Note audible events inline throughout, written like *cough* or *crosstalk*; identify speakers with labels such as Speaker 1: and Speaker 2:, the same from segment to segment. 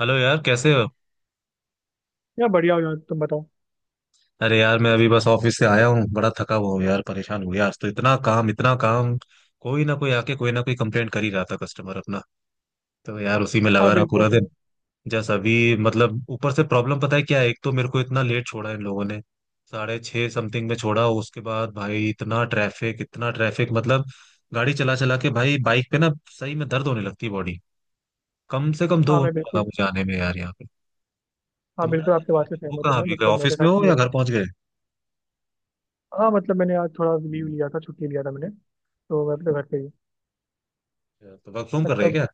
Speaker 1: Hello यार, कैसे हो?
Speaker 2: यार बढ़िया हो यार। तुम बताओ।
Speaker 1: अरे यार, मैं अभी बस ऑफिस से आया हूँ, बड़ा थका हुआ हूँ यार। परेशान हो गया आज तो, इतना काम इतना काम। कोई ना कोई आके कोई ना कोई कंप्लेंट कर ही रहा था, कस्टमर अपना। तो यार उसी में
Speaker 2: हाँ
Speaker 1: लगा रहा
Speaker 2: बिल्कुल
Speaker 1: पूरा दिन।
Speaker 2: यार।
Speaker 1: जस्ट अभी, मतलब ऊपर से प्रॉब्लम पता है क्या है, एक तो मेरे को इतना लेट छोड़ा इन लोगों ने। 6:30 समथिंग में छोड़ा, उसके बाद भाई इतना ट्रैफिक इतना ट्रैफिक, मतलब गाड़ी चला चला के भाई, बाइक पे ना, सही में दर्द होने लगती है बॉडी। कम से कम दो
Speaker 2: हाँ मैं
Speaker 1: घंटा लगा
Speaker 2: बिल्कुल,
Speaker 1: मुझे आने में यार, यहाँ पे।
Speaker 2: हाँ
Speaker 1: तुम्हारा
Speaker 2: बिल्कुल आपके बात से
Speaker 1: वो
Speaker 2: सहमत हूँ
Speaker 1: कहाँ?
Speaker 2: मैं।
Speaker 1: अभी गए
Speaker 2: मतलब मेरे
Speaker 1: ऑफिस में
Speaker 2: साथ
Speaker 1: हो
Speaker 2: भी
Speaker 1: या घर
Speaker 2: ऐसा।
Speaker 1: पहुंच गए?
Speaker 2: हाँ मतलब मैंने आज थोड़ा लीव लिया था, छुट्टी लिया था मैंने, तो मैं अपने घर पे ही।
Speaker 1: अच्छा, तो वर्क फ्रॉम कर रहे हैं
Speaker 2: मतलब
Speaker 1: क्या?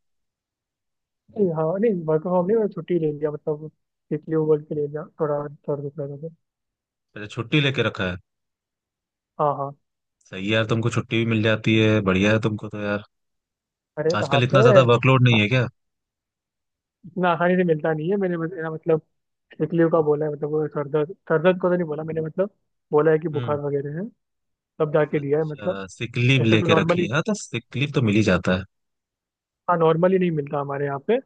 Speaker 2: नहीं, हाँ नहीं वर्क फ्रॉम होम नहीं, मैं छुट्टी ले लिया। मतलब इसलिए वो बोल के ले लिया, थोड़ा सर दुख रहा था तो।
Speaker 1: अच्छा, छुट्टी लेके रखा है।
Speaker 2: हाँ हाँ।
Speaker 1: सही है यार, तुमको छुट्टी भी मिल जाती है, बढ़िया है तुमको तो यार।
Speaker 2: अरे कहाँ
Speaker 1: आजकल इतना
Speaker 2: पे,
Speaker 1: ज्यादा वर्कलोड नहीं है क्या?
Speaker 2: इतना आसानी से मिलता नहीं है। ना मतलब एकलियो का बोला है। मतलब वो सर दर्द को तो नहीं बोला मैंने। मतलब बोला है कि
Speaker 1: हम्म।
Speaker 2: बुखार वगैरह है, तब जाके दिया है मतलब।
Speaker 1: अच्छा, सिक लीव
Speaker 2: ऐसे तो
Speaker 1: लेके रखी
Speaker 2: नॉर्मली,
Speaker 1: है। हाँ, तो सिक लीव तो मिल ही जाता है।
Speaker 2: हाँ नॉर्मली नहीं मिलता हमारे यहाँ पे।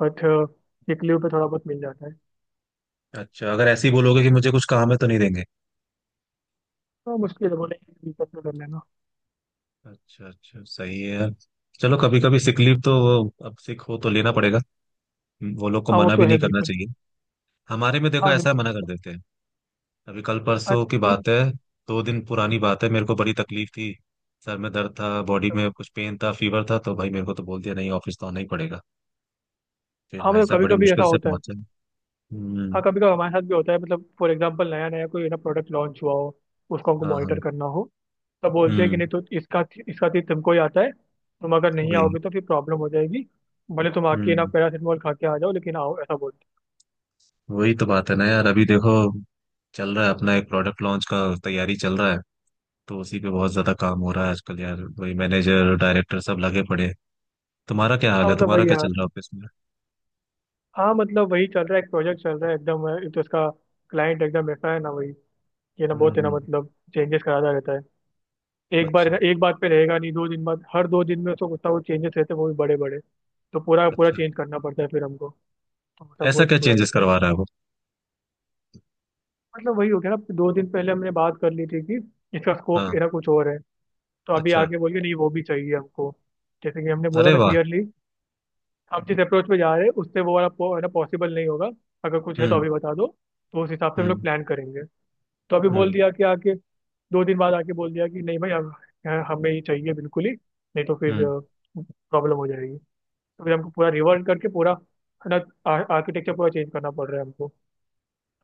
Speaker 2: बट वीकली पे थोड़ा बहुत मिल जाता है।
Speaker 1: अच्छा, अगर ऐसे ही बोलोगे कि मुझे कुछ काम है तो नहीं देंगे।
Speaker 2: तो मुश्किल है, बोलेंगे दिक्कत में कर लेना।
Speaker 1: अच्छा अच्छा, सही है यार। चलो, कभी कभी सिक लीव तो, वो अब सिक हो तो लेना पड़ेगा। वो लोग को
Speaker 2: हाँ वो
Speaker 1: मना
Speaker 2: तो
Speaker 1: भी नहीं
Speaker 2: है
Speaker 1: करना
Speaker 2: बिल्कुल।
Speaker 1: चाहिए। हमारे में देखो
Speaker 2: हाँ
Speaker 1: ऐसा
Speaker 2: बिल्कुल
Speaker 1: मना कर
Speaker 2: मतलब।
Speaker 1: देते हैं। अभी कल परसों
Speaker 2: आज
Speaker 1: की बात है, 2 दिन पुरानी बात है, मेरे को बड़ी तकलीफ थी। सर में दर्द था, बॉडी में कुछ पेन था, फीवर था, तो भाई मेरे को तो बोल दिया नहीं, ऑफिस तो आना ही पड़ेगा। फिर
Speaker 2: हाँ
Speaker 1: भाई
Speaker 2: मतलब
Speaker 1: साहब
Speaker 2: कभी
Speaker 1: बड़ी
Speaker 2: कभी
Speaker 1: मुश्किल
Speaker 2: ऐसा
Speaker 1: से
Speaker 2: होता है।
Speaker 1: पहुंचे।
Speaker 2: हाँ
Speaker 1: हम्म।
Speaker 2: कभी कभी हमारे साथ भी होता है। मतलब फॉर एग्जाम्पल नया नया कोई ना प्रोडक्ट लॉन्च हुआ हो, उसको हमको
Speaker 1: हाँ हाँ।
Speaker 2: मॉनिटर करना हो, तब बोलते हैं कि
Speaker 1: हम्म।
Speaker 2: नहीं तो इसका इसका चीज तुमको ही आता है, तुम अगर नहीं
Speaker 1: वही।
Speaker 2: आओगे तो फिर प्रॉब्लम हो जाएगी। भले तुम आके ना
Speaker 1: हम्म,
Speaker 2: पैरासीटामोल खा के आ जाओ, लेकिन आओ, ऐसा बोलते
Speaker 1: वही तो बात है ना यार। अभी देखो, चल रहा है अपना एक प्रोडक्ट लॉन्च का तैयारी चल रहा है, तो उसी पे बहुत ज्यादा काम हो रहा है आजकल यार। वही मैनेजर डायरेक्टर सब लगे पड़े हैं। तुम्हारा क्या
Speaker 2: हैं।
Speaker 1: हाल
Speaker 2: हाँ
Speaker 1: है?
Speaker 2: मतलब
Speaker 1: तुम्हारा
Speaker 2: वही
Speaker 1: क्या
Speaker 2: यार।
Speaker 1: चल रहा है ऑफिस में?
Speaker 2: हाँ मतलब वही चल रहा है, एक प्रोजेक्ट चल रहा है एकदम। एक तो इसका क्लाइंट एकदम ऐसा है ना, वही ये ना
Speaker 1: हम्म।
Speaker 2: बहुत है ना,
Speaker 1: हम्म।
Speaker 2: मतलब चेंजेस कराता रहता है। एक बार
Speaker 1: अच्छा।
Speaker 2: है ना एक बात पे रहेगा नहीं, दो दिन बाद, हर दो दिन में उसको कुछ ना कुछ चेंजेस रहते हैं, वो भी बड़े बड़े। तो पूरा पूरा
Speaker 1: अच्छा,
Speaker 2: चेंज करना पड़ता है फिर हमको, तो सब
Speaker 1: ऐसा
Speaker 2: बहुत
Speaker 1: क्या
Speaker 2: बुरा
Speaker 1: चेंजेस
Speaker 2: रहता है।
Speaker 1: करवा रहा है वो?
Speaker 2: मतलब वही हो गया ना, दो दिन पहले हमने बात कर ली थी कि इसका स्कोप
Speaker 1: हाँ।
Speaker 2: ना कुछ और है। तो अभी
Speaker 1: अच्छा।
Speaker 2: आगे बोल के नहीं, वो भी चाहिए हमको, जैसे कि हमने बोला
Speaker 1: अरे
Speaker 2: था
Speaker 1: वाह।
Speaker 2: क्लियरली। हम जिस अप्रोच पे जा रहे हैं उससे वो वाला है ना पॉसिबल नहीं होगा, अगर कुछ है तो
Speaker 1: हम्म।
Speaker 2: अभी बता दो तो उस हिसाब से हम लोग
Speaker 1: हम्म।
Speaker 2: प्लान करेंगे। तो अभी बोल
Speaker 1: हम्म।
Speaker 2: दिया कि आके, दो दिन बाद आके बोल दिया कि नहीं भाई, अब हमें ही चाहिए बिल्कुल ही, नहीं तो फिर
Speaker 1: हम्म।
Speaker 2: प्रॉब्लम हो जाएगी। तो फिर हमको पूरा रिवर्ट करके पूरा, है ना, आर्किटेक्चर पूरा चेंज करना पड़ रहा है हमको,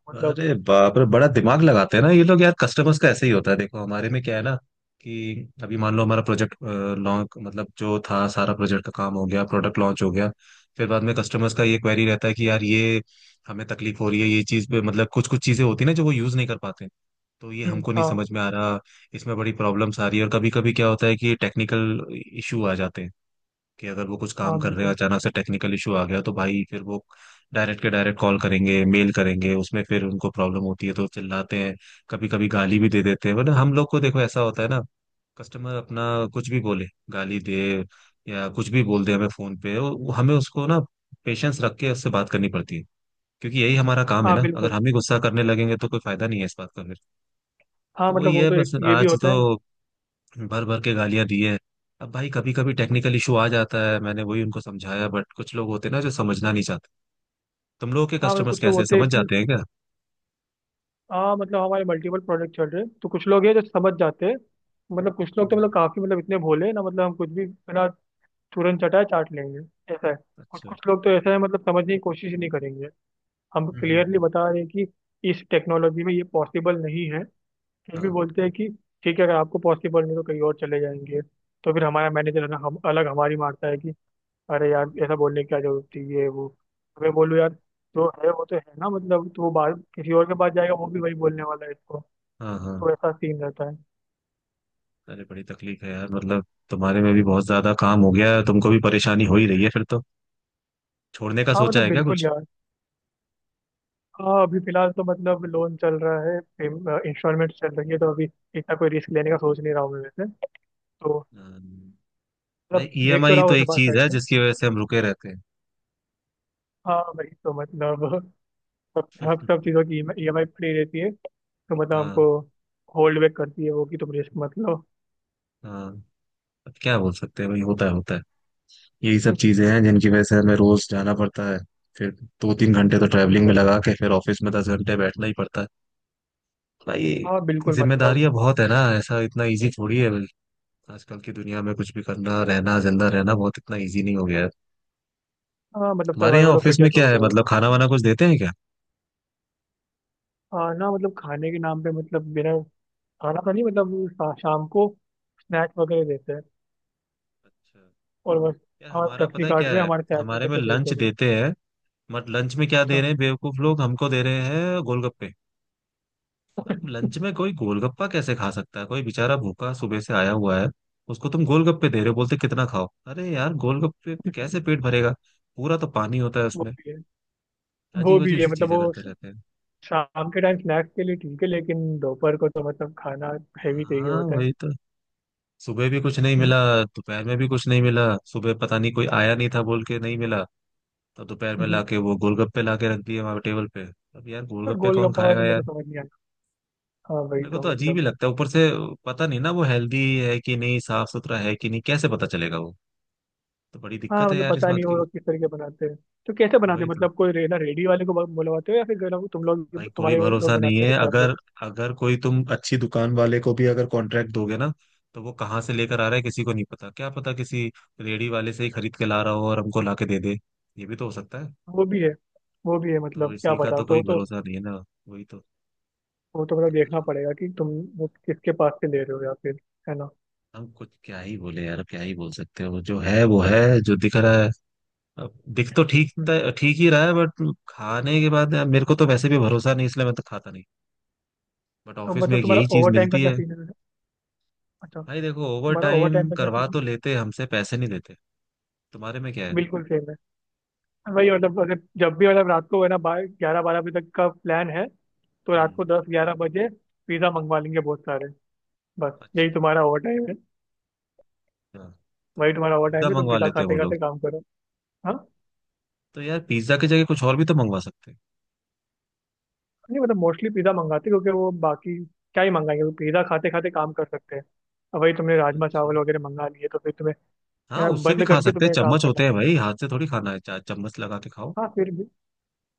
Speaker 2: मतलब।
Speaker 1: अरे बाप रे, बड़ा दिमाग लगाते हैं ना ये लोग यार। कस्टमर्स का ऐसे ही होता है, देखो हमारे में क्या है ना कि अभी मान लो हमारा प्रोजेक्ट लॉन्च, मतलब जो था सारा प्रोजेक्ट का काम हो गया, प्रोडक्ट लॉन्च हो गया, फिर बाद में कस्टमर्स का ये क्वेरी रहता है कि यार ये हमें तकलीफ हो रही है ये चीज पे, मतलब कुछ कुछ चीजें होती है ना जो वो यूज नहीं कर पाते, तो ये हमको नहीं
Speaker 2: हाँ।
Speaker 1: समझ में आ रहा, इसमें बड़ी प्रॉब्लम्स आ रही है। और कभी कभी क्या होता है कि टेक्निकल इशू आ जाते हैं, कि अगर वो कुछ काम
Speaker 2: हाँ
Speaker 1: कर रहे हैं
Speaker 2: बिल्कुल।
Speaker 1: अचानक से टेक्निकल इशू आ गया तो भाई फिर वो डायरेक्ट के डायरेक्ट कॉल करेंगे, मेल करेंगे, उसमें फिर उनको प्रॉब्लम होती है तो चिल्लाते हैं, कभी कभी गाली भी दे देते हैं। वरना हम लोग को देखो ऐसा होता है ना, कस्टमर अपना कुछ भी बोले, गाली दे या कुछ भी बोल दे हमें फोन पे, हमें उसको ना पेशेंस रख के उससे बात करनी पड़ती है, क्योंकि यही हमारा काम है
Speaker 2: हाँ
Speaker 1: ना। अगर
Speaker 2: बिल्कुल।
Speaker 1: हम ही गुस्सा करने लगेंगे तो कोई फायदा नहीं है इस बात का फिर।
Speaker 2: हाँ
Speaker 1: तो
Speaker 2: मतलब
Speaker 1: वही
Speaker 2: वो
Speaker 1: है
Speaker 2: तो
Speaker 1: बस,
Speaker 2: एक ये भी
Speaker 1: आज
Speaker 2: होता है ना।
Speaker 1: तो भर भर के गालियां दी है। अब भाई कभी कभी टेक्निकल इशू आ जाता है, मैंने वही उनको समझाया, बट कुछ लोग होते हैं ना जो समझना नहीं चाहते। तुम लोगों के
Speaker 2: हाँ मतलब
Speaker 1: कस्टमर्स
Speaker 2: कुछ लोग
Speaker 1: कैसे
Speaker 2: होते हैं
Speaker 1: समझ
Speaker 2: कि,
Speaker 1: जाते हैं क्या?
Speaker 2: हाँ मतलब हमारे मल्टीपल प्रोडक्ट चल रहे हैं, तो कुछ लोग हैं जो समझ जाते हैं। मतलब कुछ लोग तो
Speaker 1: हम्म,
Speaker 2: मतलब काफी, मतलब इतने भोले हैं ना, मतलब हम कुछ भी है ना तुरंत चटाए चाट लेंगे ऐसा है। कुछ
Speaker 1: अच्छा।
Speaker 2: कुछ लोग तो
Speaker 1: हम्म।
Speaker 2: ऐसा है, मतलब समझने की कोशिश ही नहीं करेंगे। हम
Speaker 1: हम्म,
Speaker 2: क्लियरली
Speaker 1: हम्म,
Speaker 2: बता रहे हैं कि इस टेक्नोलॉजी में ये पॉसिबल नहीं है, फिर भी
Speaker 1: हाँ।
Speaker 2: बोलते हैं कि ठीक है अगर आपको पॉसिबल नहीं तो कहीं और चले जाएंगे। तो फिर हमारा मैनेजर है ना, हम अलग हमारी मारता है कि अरे यार ऐसा बोलने की क्या जरूरत थी, ये वो। तो मैं बोलूँ यार जो है वो तो है ना, मतलब तो वो बाहर किसी और के पास जाएगा, वो भी वही बोलने वाला है इसको।
Speaker 1: हाँ हाँ।
Speaker 2: तो ऐसा सीन रहता है।
Speaker 1: अरे बड़ी तकलीफ है यार, मतलब तुम्हारे में भी बहुत ज्यादा काम हो गया है, तुमको भी परेशानी हो ही रही है फिर तो। छोड़ने का
Speaker 2: हाँ
Speaker 1: सोचा
Speaker 2: मतलब
Speaker 1: है क्या
Speaker 2: बिल्कुल
Speaker 1: कुछ?
Speaker 2: यार। हाँ अभी फिलहाल तो मतलब लोन चल रहा है, इंस्टॉलमेंट चल रही है, तो अभी इतना कोई रिस्क लेने का सोच नहीं रहा हूँ मैं वैसे। तो
Speaker 1: हम्म। भाई
Speaker 2: मतलब देख तो
Speaker 1: ईएमआई
Speaker 2: रहा
Speaker 1: तो
Speaker 2: हूँ ऐसे
Speaker 1: एक
Speaker 2: बात।
Speaker 1: चीज है जिसकी वजह से हम रुके रहते हैं।
Speaker 2: हाँ भाई तो मतलब सब सब सब चीज़ों
Speaker 1: *laughs*
Speaker 2: की ई एम आई फ्री रहती है, तो मतलब
Speaker 1: हाँ।
Speaker 2: हमको होल्ड बैक करती है वो कि तुम रिस्क मत लो।
Speaker 1: हाँ, अब क्या बोल सकते हैं भाई, होता है होता है। यही सब चीजें हैं जिनकी वजह से हमें रोज जाना पड़ता है। फिर 2-3 घंटे तो
Speaker 2: हाँ
Speaker 1: ट्रैवलिंग में
Speaker 2: मतलब।
Speaker 1: लगा के फिर ऑफिस में 10 घंटे बैठना ही पड़ता है भाई।
Speaker 2: हाँ बिल्कुल मतलब।
Speaker 1: जिम्मेदारियां बहुत है ना, ऐसा इतना इजी थोड़ी है। आजकल की दुनिया में कुछ भी करना, रहना, जिंदा रहना बहुत, इतना इजी नहीं हो गया है।
Speaker 2: हाँ मतलब
Speaker 1: हमारे यहाँ
Speaker 2: सर्वाइवल ऑफ
Speaker 1: ऑफिस में
Speaker 2: फिटेस्ट
Speaker 1: क्या
Speaker 2: हो
Speaker 1: है,
Speaker 2: गया है।
Speaker 1: मतलब खाना वाना कुछ देते हैं क्या?
Speaker 2: हाँ ना मतलब खाने के नाम पे, मतलब बिना, खाना तो नहीं, मतलब शाम को स्नैक्स वगैरह देते हैं,
Speaker 1: अच्छा।
Speaker 2: और बस।
Speaker 1: यार
Speaker 2: हाँ
Speaker 1: हमारा
Speaker 2: फ्लेक्सी
Speaker 1: पता है क्या
Speaker 2: कार्ड में
Speaker 1: है,
Speaker 2: हमारे सैलरी
Speaker 1: हमारे
Speaker 2: में
Speaker 1: में
Speaker 2: से देते
Speaker 1: लंच
Speaker 2: हैं बस।
Speaker 1: देते हैं, बट लंच में क्या दे
Speaker 2: अच्छा।
Speaker 1: रहे हैं, बेवकूफ लोग हमको दे रहे हैं गोलगप्पे। अब लंच में कोई गोलगप्पा कैसे खा सकता है? कोई बेचारा भूखा सुबह से आया हुआ है, उसको तुम गोलगप्पे दे रहे हो, बोलते कितना खाओ। अरे यार, गोलगप्पे कैसे पेट भरेगा? पूरा तो पानी होता है
Speaker 2: वो
Speaker 1: उसमें।
Speaker 2: भी है। वो
Speaker 1: अजीब
Speaker 2: भी
Speaker 1: अजीब
Speaker 2: है,
Speaker 1: सी
Speaker 2: मतलब
Speaker 1: चीजें
Speaker 2: वो
Speaker 1: करते रहते हैं।
Speaker 2: शाम के टाइम स्नैक्स के लिए ठीक है, लेकिन दोपहर को तो मतलब खाना हैवी चाहिए
Speaker 1: हाँ
Speaker 2: होता
Speaker 1: वही तो। सुबह भी कुछ नहीं मिला, दोपहर में भी कुछ नहीं मिला। सुबह पता नहीं, कोई आया नहीं था बोल के, नहीं मिला। तब दोपहर
Speaker 2: है।
Speaker 1: में
Speaker 2: *laughs*
Speaker 1: लाके वो गोलगप्पे लाके रख दिए वहां टेबल पे। अब यार
Speaker 2: और
Speaker 1: गोलगप्पे कौन
Speaker 2: गोलगप्पा का तो
Speaker 1: खाएगा यार?
Speaker 2: मेरे को समझ नहीं आता। हाँ वही
Speaker 1: मेरे को
Speaker 2: तो
Speaker 1: तो अजीब ही
Speaker 2: मतलब।
Speaker 1: लगता है, ऊपर से पता नहीं ना वो हेल्दी है कि नहीं, साफ सुथरा है कि नहीं, कैसे पता चलेगा वो। तो बड़ी
Speaker 2: हाँ
Speaker 1: दिक्कत है
Speaker 2: मतलब
Speaker 1: यार इस
Speaker 2: पता
Speaker 1: बात
Speaker 2: नहीं वो
Speaker 1: की।
Speaker 2: लोग किस तरीके बनाते हैं, तो कैसे बनाते
Speaker 1: वही
Speaker 2: हैं,
Speaker 1: तो।
Speaker 2: मतलब कोई रेना रेडी वाले को बुलवाते हो, या फिर गरम तुम लोग
Speaker 1: भाई कोई
Speaker 2: तुम्हारे वो लोग
Speaker 1: भरोसा नहीं
Speaker 2: बनाते
Speaker 1: है।
Speaker 2: हैं सब
Speaker 1: अगर,
Speaker 2: लोग।
Speaker 1: अगर कोई तुम अच्छी दुकान वाले को भी अगर कॉन्ट्रैक्ट दोगे ना, तो वो कहाँ से लेकर आ रहा है किसी को नहीं पता। क्या पता किसी रेडी वाले से ही खरीद के ला रहा हो और हमको ला के दे दे, ये भी तो हो सकता है।
Speaker 2: वो भी है। वो भी है,
Speaker 1: तो
Speaker 2: मतलब क्या
Speaker 1: इसी का
Speaker 2: पता,
Speaker 1: तो
Speaker 2: तो
Speaker 1: कोई
Speaker 2: तो
Speaker 1: भरोसा नहीं है ना। वही तो।
Speaker 2: वो तो मतलब देखना पड़ेगा कि तुम वो किसके पास से ले रहे हो, या फिर, है ना।
Speaker 1: हम कुछ क्या ही बोले यार, क्या ही बोल सकते हो, जो है वो है, जो दिख रहा है। अब दिख तो ठीक
Speaker 2: हम्म।
Speaker 1: ठीक ही रहा है, बट खाने के बाद यार, मेरे को तो वैसे भी भरोसा नहीं, इसलिए मैं तो खाता नहीं। बट
Speaker 2: तो
Speaker 1: ऑफिस में
Speaker 2: मतलब
Speaker 1: एक
Speaker 2: तुम्हारा
Speaker 1: यही चीज
Speaker 2: ओवर टाइम का
Speaker 1: मिलती
Speaker 2: क्या
Speaker 1: है।
Speaker 2: सीन है। अच्छा,
Speaker 1: भाई देखो, ओवर
Speaker 2: तुम्हारा ओवर टाइम
Speaker 1: टाइम
Speaker 2: का क्या
Speaker 1: करवा
Speaker 2: सीन
Speaker 1: तो
Speaker 2: है।
Speaker 1: लेते हमसे, पैसे नहीं देते। तुम्हारे में क्या है?
Speaker 2: बिल्कुल सेम है। वही मतलब अगर जब भी मतलब रात को है ना 11-12 बजे तक का प्लान है, तो रात
Speaker 1: हम्म।
Speaker 2: को 10-11 बजे पिज्जा मंगवा लेंगे बहुत सारे। बस
Speaker 1: अच्छा।
Speaker 2: यही तुम्हारा ओवर टाइम है।
Speaker 1: हाँ, तो
Speaker 2: वही तुम्हारा ओवर
Speaker 1: पिज्जा
Speaker 2: टाइम है, तुम
Speaker 1: मंगवा
Speaker 2: पिज्जा
Speaker 1: लेते हैं वो
Speaker 2: खाते
Speaker 1: लोग।
Speaker 2: खाते काम करो। हाँ।
Speaker 1: तो यार पिज्जा की जगह कुछ और भी तो मंगवा सकते हैं।
Speaker 2: नहीं मतलब मोस्टली पिज्जा मंगाते, क्योंकि वो बाकी क्या ही मंगाएंगे, वो पिज्जा खाते खाते काम कर सकते हैं। अब वही तुमने राजमा
Speaker 1: अच्छा।
Speaker 2: चावल वगैरह मंगा लिए तो फिर तुम्हें
Speaker 1: हाँ,
Speaker 2: यार,
Speaker 1: उससे भी
Speaker 2: बंद
Speaker 1: खा
Speaker 2: करके
Speaker 1: सकते हैं,
Speaker 2: तुम्हें काम
Speaker 1: चम्मच
Speaker 2: करना
Speaker 1: होते
Speaker 2: है।
Speaker 1: हैं भाई, हाथ से थोड़ी खाना है, चम्मच लगा के खाओ।
Speaker 2: हाँ फिर भी,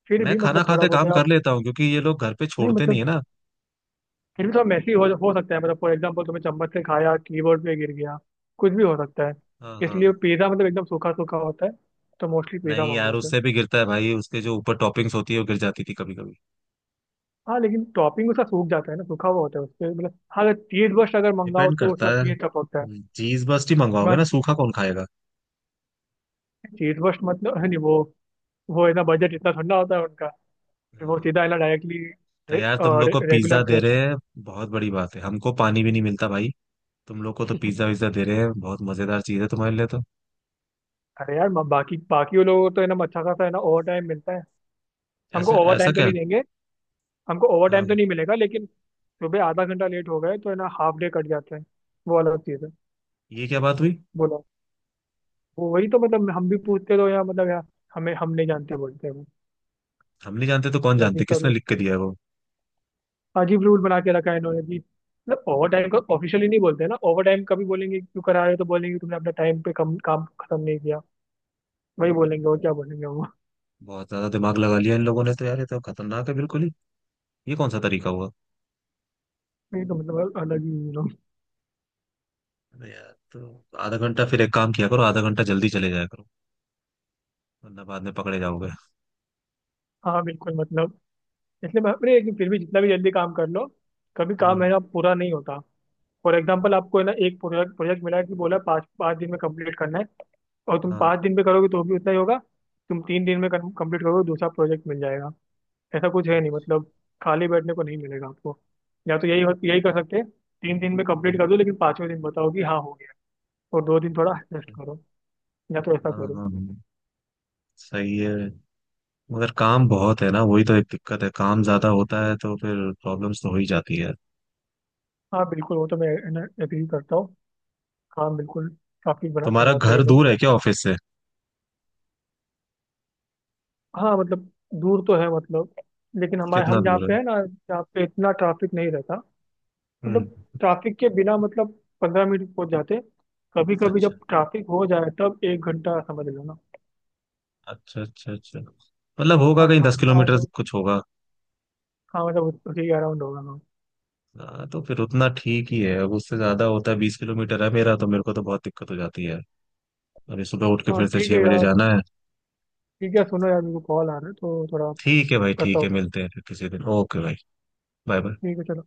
Speaker 2: फिर
Speaker 1: मैं
Speaker 2: भी
Speaker 1: खाना
Speaker 2: मतलब थोड़ा
Speaker 1: खाते
Speaker 2: बहुत
Speaker 1: काम
Speaker 2: आप,
Speaker 1: कर लेता हूँ क्योंकि ये लोग घर पे
Speaker 2: नहीं
Speaker 1: छोड़ते नहीं
Speaker 2: मतलब
Speaker 1: है ना।
Speaker 2: फिर भी थोड़ा मैसी हो सकता है, मतलब फॉर एग्जाम्पल तुमने चम्मच से खाया, कीबोर्ड पे गिर गया, कुछ भी हो सकता है।
Speaker 1: हाँ
Speaker 2: इसलिए
Speaker 1: हाँ।
Speaker 2: पिज्जा मतलब एकदम सूखा सूखा होता है, तो मोस्टली पिज्जा
Speaker 1: नहीं यार,
Speaker 2: मंगाते हैं।
Speaker 1: उससे भी गिरता है भाई। उसके जो ऊपर टॉपिंग्स होती है वो गिर जाती थी कभी कभी।
Speaker 2: हाँ लेकिन टॉपिंग उसका सूख जाता है ना, सूखा हुआ होता है उसके, मतलब हाँ अगर चीज बर्स्ट अगर मंगाओ
Speaker 1: डिपेंड
Speaker 2: तो
Speaker 1: करता
Speaker 2: उसका
Speaker 1: है,
Speaker 2: चीज टपकता है।
Speaker 1: चीज बस ही मंगवाओगे ना,
Speaker 2: तुम्हारा
Speaker 1: सूखा कौन खाएगा।
Speaker 2: चीज बर्स्ट मतलब है नहीं वो, वो इतना बजट इतना ठंडा होता है उनका, फिर वो
Speaker 1: हाँ।
Speaker 2: सीधा है ना डायरेक्टली
Speaker 1: तो
Speaker 2: रे,
Speaker 1: यार तुम लोग को पिज्जा
Speaker 2: रेगुलर
Speaker 1: दे रहे
Speaker 2: क्रस्ट।
Speaker 1: हैं, बहुत बड़ी बात है। हमको पानी भी नहीं मिलता भाई। तुम लोग को तो पिज्जा विज्जा दे रहे हैं, बहुत मजेदार चीज है तुम्हारे लिए तो।
Speaker 2: अरे यार बाकी बाकी वो लोगों को तो है ना अच्छा खासा है ना ओवर टाइम मिलता है। हमको
Speaker 1: ऐसा
Speaker 2: ओवर
Speaker 1: ऐसा
Speaker 2: टाइम तो
Speaker 1: क्या?
Speaker 2: नहीं देंगे, हमको ओवर टाइम
Speaker 1: हाँ।
Speaker 2: तो नहीं मिलेगा, लेकिन सुबह आधा घंटा लेट हो गए तो है ना हाफ डे कट जाता है। वो अलग चीज़ है।
Speaker 1: ये क्या बात हुई?
Speaker 2: बोलो, वो वही तो मतलब हम भी पूछते तो यार मतलब यार, हमें, हम नहीं जानते बोलते हैं वो,
Speaker 1: हम नहीं जानते तो कौन
Speaker 2: या
Speaker 1: जानते? किसने लिख के दिया है वो?
Speaker 2: अजीब रूल बना के रखा है इन्होंने भी। मतलब ओवर टाइम को ऑफिशियली नहीं बोलते ना ओवर टाइम कभी, बोलेंगे क्यों करा रहे हो, तो बोलेंगे तुमने अपना टाइम पे कम काम खत्म नहीं किया, वही बोलेंगे और क्या बोलेंगे वो।
Speaker 1: बहुत ज्यादा दिमाग लगा लिया इन लोगों ने तो यार, ये तो खतरनाक है बिल्कुल ही। ये कौन सा तरीका हुआ?
Speaker 2: ये तो मतलब अलग ही ये लोग।
Speaker 1: अरे यार तो आधा घंटा फिर एक काम किया करो, आधा घंटा जल्दी चले जाया करो, वरना बाद में पकड़े जाओगे।
Speaker 2: हाँ बिल्कुल मतलब, इसलिए मैं, अरे लेकिन फिर भी जितना भी जल्दी काम कर लो, कभी काम है
Speaker 1: हम्म।
Speaker 2: ना पूरा नहीं होता। फॉर एग्जाम्पल
Speaker 1: हाँ
Speaker 2: आपको है ना एक प्रोजेक्ट प्रोजेक्ट मिला है कि बोला पाँच पाँच दिन में कंप्लीट करना है, और तुम
Speaker 1: हाँ।
Speaker 2: पाँच दिन में करोगे तो भी उतना ही होगा। तुम तीन दिन में कंप्लीट करोगे दूसरा प्रोजेक्ट मिल जाएगा। ऐसा कुछ है नहीं
Speaker 1: अच्छा।
Speaker 2: मतलब, खाली बैठने को नहीं मिलेगा आपको। या तो यही यही कर सकते हैं, तीन दिन में कंप्लीट कर दो लेकिन पांचवें दिन बताओ कि हाँ हो गया, और दो दिन थोड़ा रेस्ट
Speaker 1: अच्छा,
Speaker 2: करो, या तो ऐसा
Speaker 1: हाँ
Speaker 2: करो।
Speaker 1: हाँ हाँ, सही है। मगर काम बहुत है ना, वही तो एक दिक्कत है। काम ज्यादा होता है तो फिर प्रॉब्लम्स तो हो ही जाती है।
Speaker 2: हाँ बिल्कुल, वो तो मैं एग्री करता हूँ। काम बिल्कुल, काफी बड़ा
Speaker 1: तुम्हारा
Speaker 2: करवाते हैं
Speaker 1: घर
Speaker 2: ये लोग।
Speaker 1: दूर है क्या ऑफिस से?
Speaker 2: हाँ मतलब दूर तो है, मतलब लेकिन हमारे,
Speaker 1: कितना
Speaker 2: हम जहाँ
Speaker 1: दूर
Speaker 2: पे
Speaker 1: है?
Speaker 2: है ना जहाँ पे इतना ट्रैफिक नहीं रहता।
Speaker 1: हम्म।
Speaker 2: मतलब ट्रैफिक के बिना मतलब 15 मिनट पहुंच जाते, कभी कभी
Speaker 1: अच्छा
Speaker 2: जब ट्रैफिक हो जाए तब एक घंटा समझ लो ना।
Speaker 1: अच्छा अच्छा। अच्छा, मतलब होगा
Speaker 2: हाँ
Speaker 1: कहीं दस
Speaker 2: ट्रैफिक ना हो
Speaker 1: किलोमीटर
Speaker 2: तो,
Speaker 1: कुछ होगा।
Speaker 2: हाँ मतलब उसी के अराउंड होगा।
Speaker 1: हाँ, तो फिर उतना ठीक ही है। अब उससे ज्यादा होता है, 20 किलोमीटर है मेरा तो, मेरे को तो बहुत दिक्कत हो जाती है। अभी सुबह उठ के
Speaker 2: हाँ
Speaker 1: फिर से
Speaker 2: ठीक
Speaker 1: छह
Speaker 2: है
Speaker 1: बजे
Speaker 2: यार।
Speaker 1: जाना है।
Speaker 2: ठीक है सुनो यार मेरे को कॉल आ रहा है तो थोड़ा,
Speaker 1: ठीक है भाई,
Speaker 2: करता
Speaker 1: ठीक है,
Speaker 2: हूँ।
Speaker 1: मिलते हैं फिर किसी दिन, ओके भाई। Bye bye.
Speaker 2: ठीक है चलो।